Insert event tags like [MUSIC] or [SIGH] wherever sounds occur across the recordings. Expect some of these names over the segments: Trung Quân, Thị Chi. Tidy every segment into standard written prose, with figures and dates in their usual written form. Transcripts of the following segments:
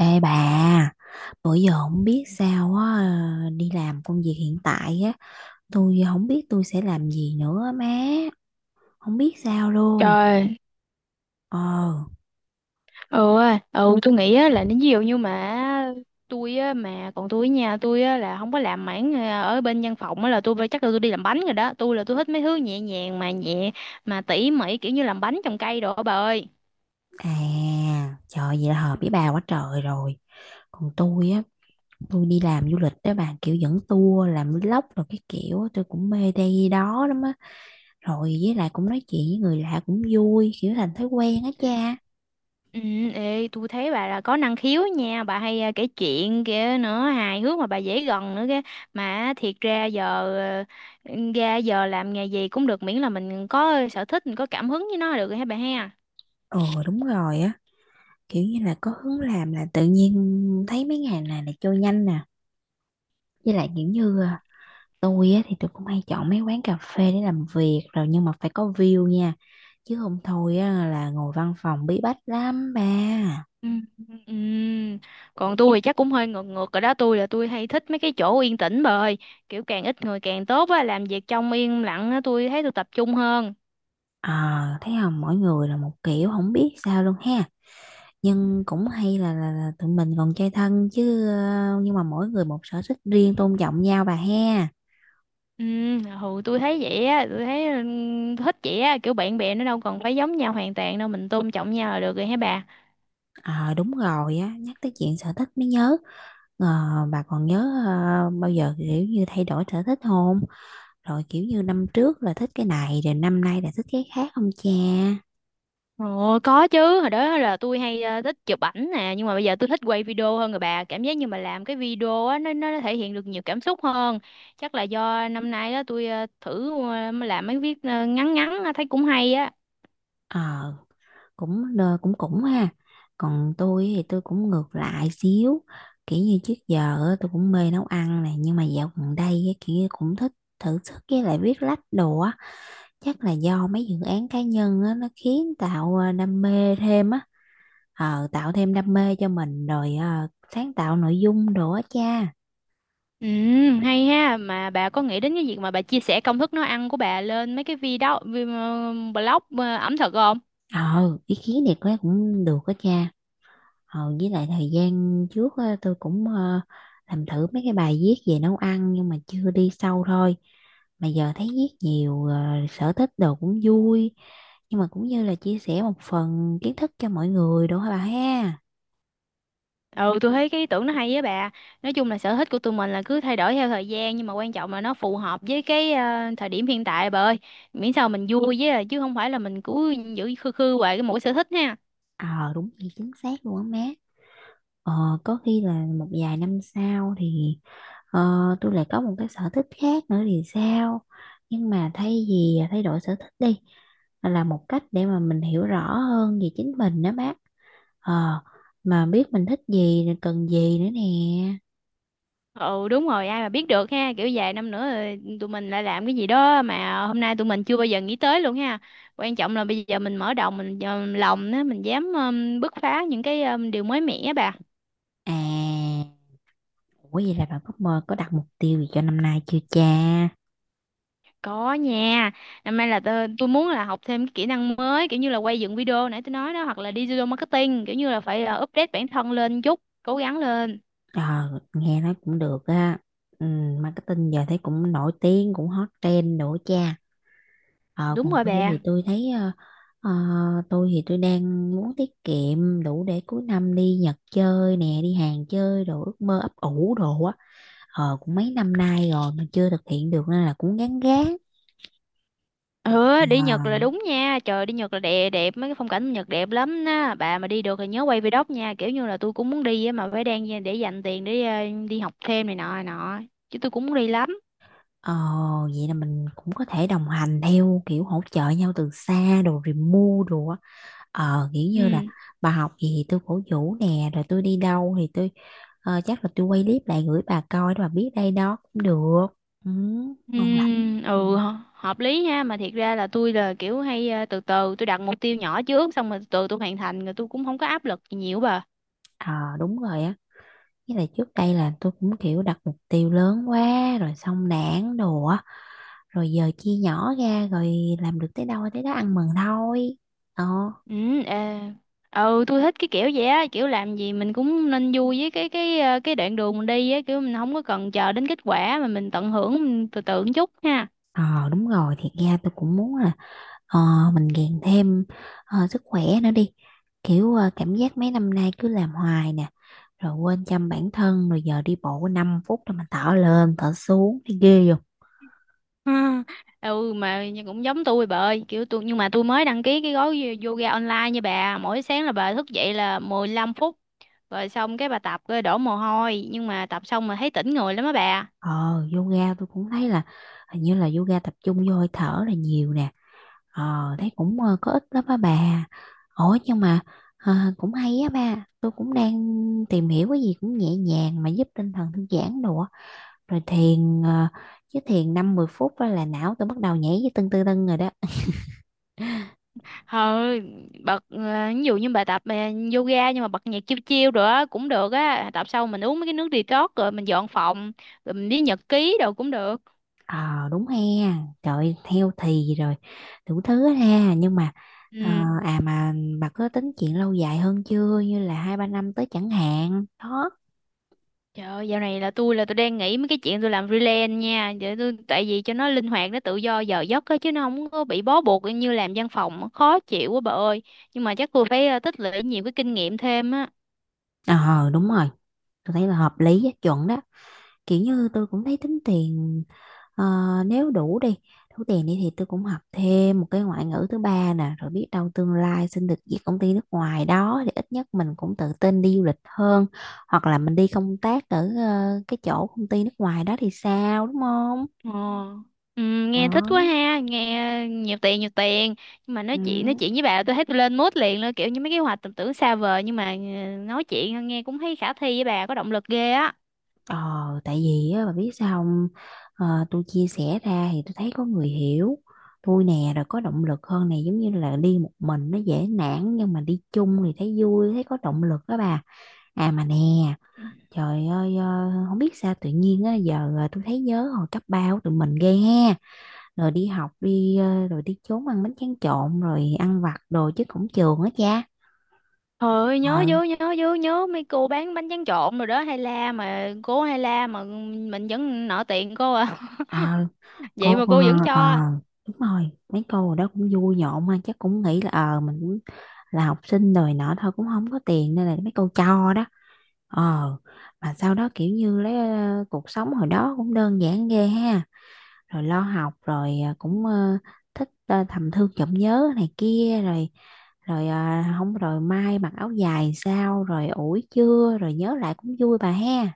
Ê bà, bữa giờ không biết sao á, đi làm công việc hiện tại á, tôi không biết tôi sẽ làm gì nữa á má, không biết sao luôn. Trời, Ờ. ừ, tôi nghĩ là nếu ví dụ như mà tôi mà còn tôi nha tôi á, là không có làm mảng ở bên văn phòng là chắc là tôi đi làm bánh rồi đó. Tôi thích mấy thứ nhẹ nhàng mà nhẹ mà tỉ mỉ, kiểu như làm bánh, trồng cây đồ á bà ơi. À, trời vậy là hợp với bà quá trời rồi. Còn tôi á, tôi đi làm du lịch đó bà, kiểu dẫn tour, làm vlog rồi cái kiểu, á, tôi cũng mê đây đó lắm á. Rồi với lại cũng nói chuyện với người lạ cũng vui, kiểu thành thói quen á cha. Ừ, ê, tôi thấy bà là có năng khiếu nha bà, hay kể chuyện kia nữa, hài hước mà bà dễ gần nữa kia. Mà thiệt ra giờ làm nghề gì cũng được, miễn là mình có sở thích, mình có cảm hứng với nó là được rồi hả bà ha. Ờ đúng rồi á, kiểu như là có hướng làm là tự nhiên thấy mấy ngày này là trôi nhanh nè. Với lại kiểu như tôi á, thì tôi cũng hay chọn mấy quán cà phê để làm việc rồi nhưng mà phải có view nha, chứ không thôi á, là ngồi văn phòng bí bách lắm ba. Ừm, ừm. Còn tôi thì chắc cũng hơi ngược ngược ở đó. Tôi hay thích mấy cái chỗ yên tĩnh bà ơi, kiểu càng ít người càng tốt á, làm việc trong yên lặng á tôi thấy tôi tập trung hơn. À, thấy không, mỗi người là một kiểu không biết sao luôn ha, nhưng cũng hay là tụi mình còn chơi thân chứ, nhưng mà mỗi người một sở thích riêng, tôn trọng nhau bà ha. Ừ tôi thấy vậy á, tôi thấy thích vậy á, kiểu bạn bè nó đâu cần phải giống nhau hoàn toàn đâu, mình tôn trọng nhau là được rồi hả bà. Ờ đúng rồi á, nhắc tới chuyện sở thích mới nhớ. Ờ, bà còn nhớ bao giờ kiểu như thay đổi sở thích không, rồi kiểu như năm trước là thích cái này rồi năm nay là thích cái khác không cha? Ồ, có chứ, hồi đó là tôi hay thích chụp ảnh nè, nhưng mà bây giờ tôi thích quay video hơn rồi bà, cảm giác như mà làm cái video á nó thể hiện được nhiều cảm xúc hơn. Chắc là do năm nay đó tôi thử làm mấy viết ngắn ngắn á, thấy cũng hay á. Ờ cũng ờ, cũng cũng ha. Còn tôi thì tôi cũng ngược lại xíu, kiểu như trước giờ á, tôi cũng mê nấu ăn này, nhưng mà dạo gần đây á, kiểu như cũng thích thử sức với lại viết lách đồ á. Chắc là do mấy dự án cá nhân á, nó khiến tạo đam mê thêm á. Tạo thêm đam mê cho mình rồi à, sáng tạo nội dung đồ á cha. Ừ, hay ha, mà bà có nghĩ đến cái việc mà bà chia sẻ công thức nấu ăn của bà lên mấy cái blog ẩm thực không? Ờ Ý kiến này có lẽ cũng được á cha. Ờ, với lại thời gian trước á, tôi cũng làm thử mấy cái bài viết về nấu ăn nhưng mà chưa đi sâu thôi. Mà giờ thấy viết nhiều sở thích đồ cũng vui, nhưng mà cũng như là chia sẻ một phần kiến thức cho mọi người, đúng hả bà ha? Ừ tôi thấy cái ý tưởng nó hay với bà. Nói chung là sở thích của tụi mình là cứ thay đổi theo thời gian, nhưng mà quan trọng là nó phù hợp với cái thời điểm hiện tại bà ơi, miễn sao mình vui với chứ không phải là mình cứ giữ khư khư hoài cái mỗi sở thích ha. Ờ đúng vậy chính xác luôn á má. Ờ, có khi là một vài năm sau thì ờ, tôi lại có một cái sở thích khác nữa thì sao? Nhưng mà thay vì thay đổi sở thích đi là một cách để mà mình hiểu rõ hơn về chính mình đó má. Ờ, mà biết mình thích gì rồi cần gì nữa nè. Ừ đúng rồi, ai mà biết được ha, kiểu vài năm nữa rồi tụi mình lại làm cái gì đó mà hôm nay tụi mình chưa bao giờ nghĩ tới luôn ha. Quan trọng là bây giờ mình mở đầu mình lòng á, mình dám bứt phá những cái điều mới mẻ bà. À, ủa vậy là bạn có mơ, có đặt mục tiêu gì cho năm nay chưa cha? Có nha. Năm nay là tôi muốn là học thêm cái kỹ năng mới, kiểu như là quay dựng video nãy tôi nói đó, hoặc là digital marketing, kiểu như là phải update bản thân lên chút, cố gắng lên. Ờ, nghe nói cũng được á. Ừ, marketing giờ thấy cũng nổi tiếng, cũng hot trend nữa cha. Ờ, Đúng còn rồi bà. Ờ, tôi thì tôi đang muốn tiết kiệm đủ để cuối năm đi Nhật chơi nè, đi Hàn chơi đồ, ước mơ ấp ủ đồ á. Ờ, cũng mấy năm nay rồi mà chưa thực hiện được nên là cũng gán gán. Ừ, đi Nhật là Ờ. đúng nha. Trời, đi Nhật là đẹp, đẹp mấy cái phong cảnh Nhật đẹp lắm á. Bà mà đi được thì nhớ quay vlog nha. Kiểu như là tôi cũng muốn đi á mà phải đang để dành tiền để đi học thêm này nọ này nọ. Chứ tôi cũng muốn đi lắm. Ồ, vậy là mình cũng có thể đồng hành theo kiểu hỗ trợ nhau từ xa đồ, remove đồ á. Ờ, kiểu như là Ừ. bà học gì thì tôi cổ vũ nè, rồi tôi đi đâu thì chắc là tôi quay clip lại gửi bà coi để bà biết đây đó cũng được. Ừ, ngon lành. Hợp lý ha, mà thiệt ra là tôi là kiểu hay từ từ tôi đặt mục tiêu nhỏ trước, xong rồi từ từ tôi hoàn thành rồi tôi cũng không có áp lực gì nhiều bà. Ờ, đúng rồi á. Với lại trước đây là tôi cũng kiểu đặt mục tiêu lớn quá rồi xong nản đồ á. Rồi giờ chia nhỏ ra rồi làm được tới đâu tới đó ăn mừng thôi. Ờ. ừ à, ừ tôi thích cái kiểu vậy á, kiểu làm gì mình cũng nên vui với cái đoạn đường mình đi á, kiểu mình không có cần chờ đến kết quả mà mình tận hưởng, mình từ từ một chút ha. Ờ đúng rồi, thiệt ra tôi cũng muốn là ờ, mình gàn thêm sức khỏe nữa đi, kiểu cảm giác mấy năm nay cứ làm hoài nè, rồi quên chăm bản thân, rồi giờ đi bộ 5 phút rồi mình thở lên thở xuống thấy ghê rồi. Ha. Ừ mà cũng giống tôi bà ơi, kiểu tôi nhưng mà tôi mới đăng ký cái gói yoga online nha bà, mỗi sáng là bà thức dậy là 15 phút, rồi xong cái bà tập rồi đổ mồ hôi, nhưng mà tập xong mà thấy tỉnh người lắm á bà. ờ Yoga tôi cũng thấy là hình như là yoga tập trung vô hơi thở là nhiều nè, thấy có ích lắm á bà. Ủa nhưng mà cũng hay á ba, tôi cũng đang tìm hiểu cái gì cũng nhẹ nhàng mà giúp tinh thần thư giãn đồ á, rồi thiền, chứ thiền 5-10 phút á là não tôi bắt đầu nhảy với tưng tưng tưng rồi đó. Thôi, bật ví dụ như bà tập yoga nhưng mà bật nhạc chill chill rồi á cũng được á, tập xong mình uống mấy cái nước detox rồi mình dọn phòng rồi mình đi nhật ký đồ cũng được. Ờ đúng he. Trời theo thì rồi đủ thứ hết ha, nhưng mà ờ, Ừ. à mà bà có tính chuyện lâu dài hơn chưa, như là 2-3 năm tới chẳng hạn đó? Trời ơi, dạo này là tôi đang nghĩ mấy cái chuyện tôi làm freelance nha. Để tôi, tại vì cho nó linh hoạt, nó tự do giờ giấc á, chứ nó không có bị bó buộc như làm văn phòng khó chịu quá bà ơi. Nhưng mà chắc tôi phải tích lũy nhiều cái kinh nghiệm thêm á. Ờ đúng rồi, tôi thấy là hợp lý á, chuẩn đó. Kiểu như tôi cũng thấy tính tiền, ờ, nếu đủ tiền đi thì tôi cũng học thêm một cái ngoại ngữ thứ ba nè, rồi biết đâu tương lai xin được việc công ty nước ngoài đó thì ít nhất mình cũng tự tin đi du lịch hơn, hoặc là mình đi công tác ở cái chỗ công ty nước ngoài đó thì sao, đúng không? Ờ. Ừ, nghe thích quá Đó. ha, nghe nhiều tiền nhiều tiền. Nhưng mà Ừ. nói chuyện với bà tôi thấy tôi lên mood liền luôn, kiểu như mấy cái hoạch tầm tưởng xa vời nhưng mà nói chuyện nghe cũng thấy khả thi, với bà có động lực ghê á. Ờ, tại vì á, bà biết sao không? Ờ, tôi chia sẻ ra thì tôi thấy có người hiểu tôi nè rồi có động lực hơn này, giống như là đi một mình nó dễ nản nhưng mà đi chung thì thấy vui, thấy có động lực đó bà. À mà nè, trời ơi không biết sao tự nhiên á, giờ tôi thấy nhớ hồi cấp ba của tụi mình ghê ha, rồi đi học rồi đi trốn ăn bánh tráng trộn rồi ăn vặt đồ chứ cổng trường á cha. Trời, ờ nhớ mấy cô bán bánh tráng trộn rồi đó, hay la mà, cô hay la mà mình vẫn nợ tiền cô à. ờ, [LAUGHS] cô Vậy mà ờ cô vẫn ờ, cho. Đúng rồi, mấy cô ở đó cũng vui nhộn, mà chắc cũng nghĩ là mình cũng là học sinh rồi nọ thôi, cũng không có tiền nên là mấy cô cho đó. ờ mà sau đó kiểu như cuộc sống hồi đó cũng đơn giản ghê ha, rồi lo học, rồi cũng thích thầm thương trộm nhớ này kia rồi, rồi ờ, không rồi mai mặc áo dài sao, rồi ủi chưa, rồi nhớ lại cũng vui bà ha.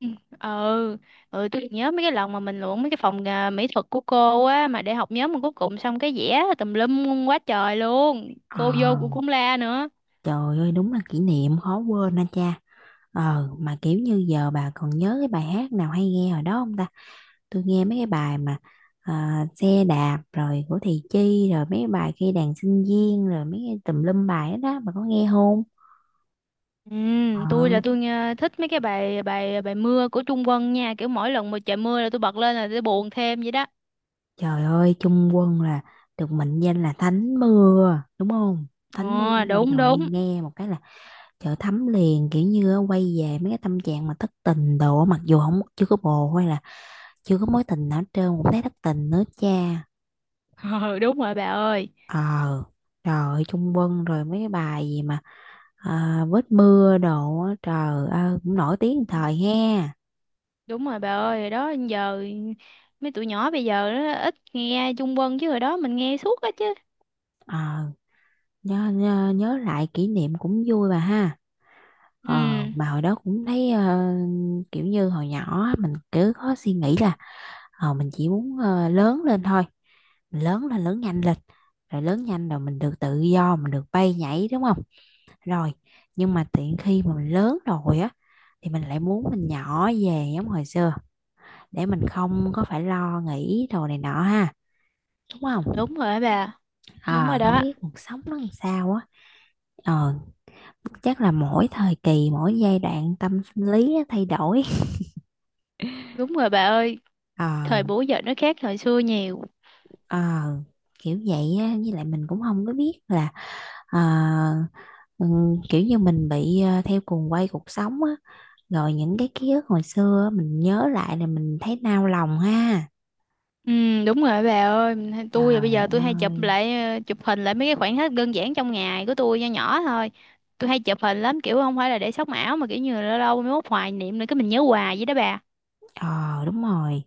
ừ ờ, ừ tôi nhớ mấy cái lần mà mình luận mấy cái phòng mỹ thuật của cô á mà để học nhóm, mà cuối cùng xong cái vẽ tùm lum quá trời luôn, ờ cô vô cô cũng la nữa. Trời ơi đúng là kỷ niệm khó quên anh cha. Ờ mà kiểu như giờ bà còn nhớ cái bài hát nào hay nghe hồi đó không ta? Tôi nghe mấy cái bài mà xe đạp rồi của Thị Chi, rồi mấy cái bài khi đàn sinh viên rồi mấy cái tùm lum bài đó, đó bà có nghe không? Ừ tôi Ờ, là tôi nghe thích mấy cái bài bài bài mưa của Trung Quân nha, kiểu mỗi lần mà trời mưa là tôi bật lên là tôi buồn thêm vậy đó. trời ơi Trung Quân là được mệnh danh là thánh mưa đúng không? Thánh mưa Ờ mà đúng, trời ơi, đúng. nghe một cái là trời thấm liền, kiểu như á, quay về mấy cái tâm trạng mà thất tình đồ á, mặc dù không, chưa có bồ hay là chưa có mối tình nào hết trơn cũng thấy thất tình nữa cha. [LAUGHS] Ừ, đúng rồi bà ơi. Ờ, rồi Trung Quân rồi mấy cái bài gì mà vết mưa đồ á, trời ơi cũng nổi tiếng một thời ha. Đúng rồi bà ơi, đó giờ mấy tụi nhỏ bây giờ nó ít nghe Trung Quân, chứ hồi đó mình nghe suốt á chứ. Ờ, nhớ lại kỷ niệm cũng vui bà ha. Ờ, Ừ, mà hồi đó cũng thấy kiểu như hồi nhỏ á, mình cứ có suy nghĩ là mình chỉ muốn lớn lên thôi. Mình lớn lên, lớn nhanh lên. Rồi lớn nhanh rồi mình được tự do, mình được bay nhảy đúng không? Rồi, nhưng mà tiện khi mà mình lớn rồi á thì mình lại muốn mình nhỏ về giống hồi xưa, để mình không có phải lo nghĩ đồ này nọ ha, đúng không? đúng rồi á bà, đúng rồi Ờ Không đó, biết cuộc sống nó làm sao á. ờ Chắc là mỗi thời kỳ mỗi giai đoạn tâm sinh lý nó thay đổi. đúng rồi bà ơi, ờ thời buổi giờ nó khác thời xưa nhiều. ờ Kiểu vậy á, với lại mình cũng không có biết là ờ, kiểu như mình bị theo cuồng quay cuộc sống á, rồi những cái ký ức hồi xưa á, mình nhớ lại là mình thấy nao lòng ha. Ừ, đúng rồi á bà ơi, tôi là bây Trời giờ tôi hay chụp ơi. lại, chụp hình lại mấy cái khoảnh khắc đơn giản trong ngày của tôi nho nhỏ thôi. Tôi hay chụp hình lắm, kiểu không phải là để sống ảo mà kiểu như là lâu lâu mới mốt hoài niệm nữa, cái mình nhớ hoài vậy đó bà. Ờ đúng rồi.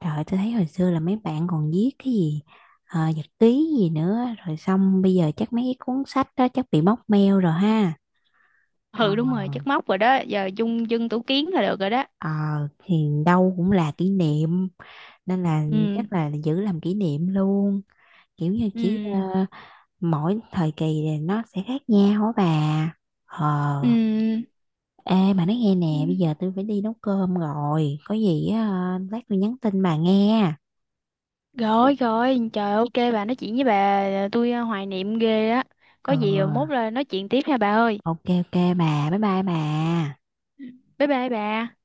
Trời ơi, tôi thấy hồi xưa là mấy bạn còn viết cái gì nhật ký gì nữa, rồi xong bây giờ chắc mấy cái cuốn sách đó chắc bị móc meo rồi ha. Ờ, Ừ đúng rồi, chất móc rồi đó, giờ chung dân tủ kiến là được rồi đó. ờ, thì đâu cũng là kỷ niệm nên là Ừ, chắc là giữ làm kỷ niệm luôn, kiểu như chỉ ừ. Mỗi thời kỳ thì nó sẽ khác nhau á bà. Ừ, Ờ. Ê mà nói nghe ừ. nè, bây giờ tôi phải đi nấu cơm rồi, có gì á, lát tôi nhắn tin bà nghe. Rồi rồi, trời, ok bà, nói chuyện với bà tôi hoài niệm ghê á. Có Ừ. gì mốt là nói chuyện tiếp nha bà ơi. Ok ok bà, bye bye bà. Bye bye bà.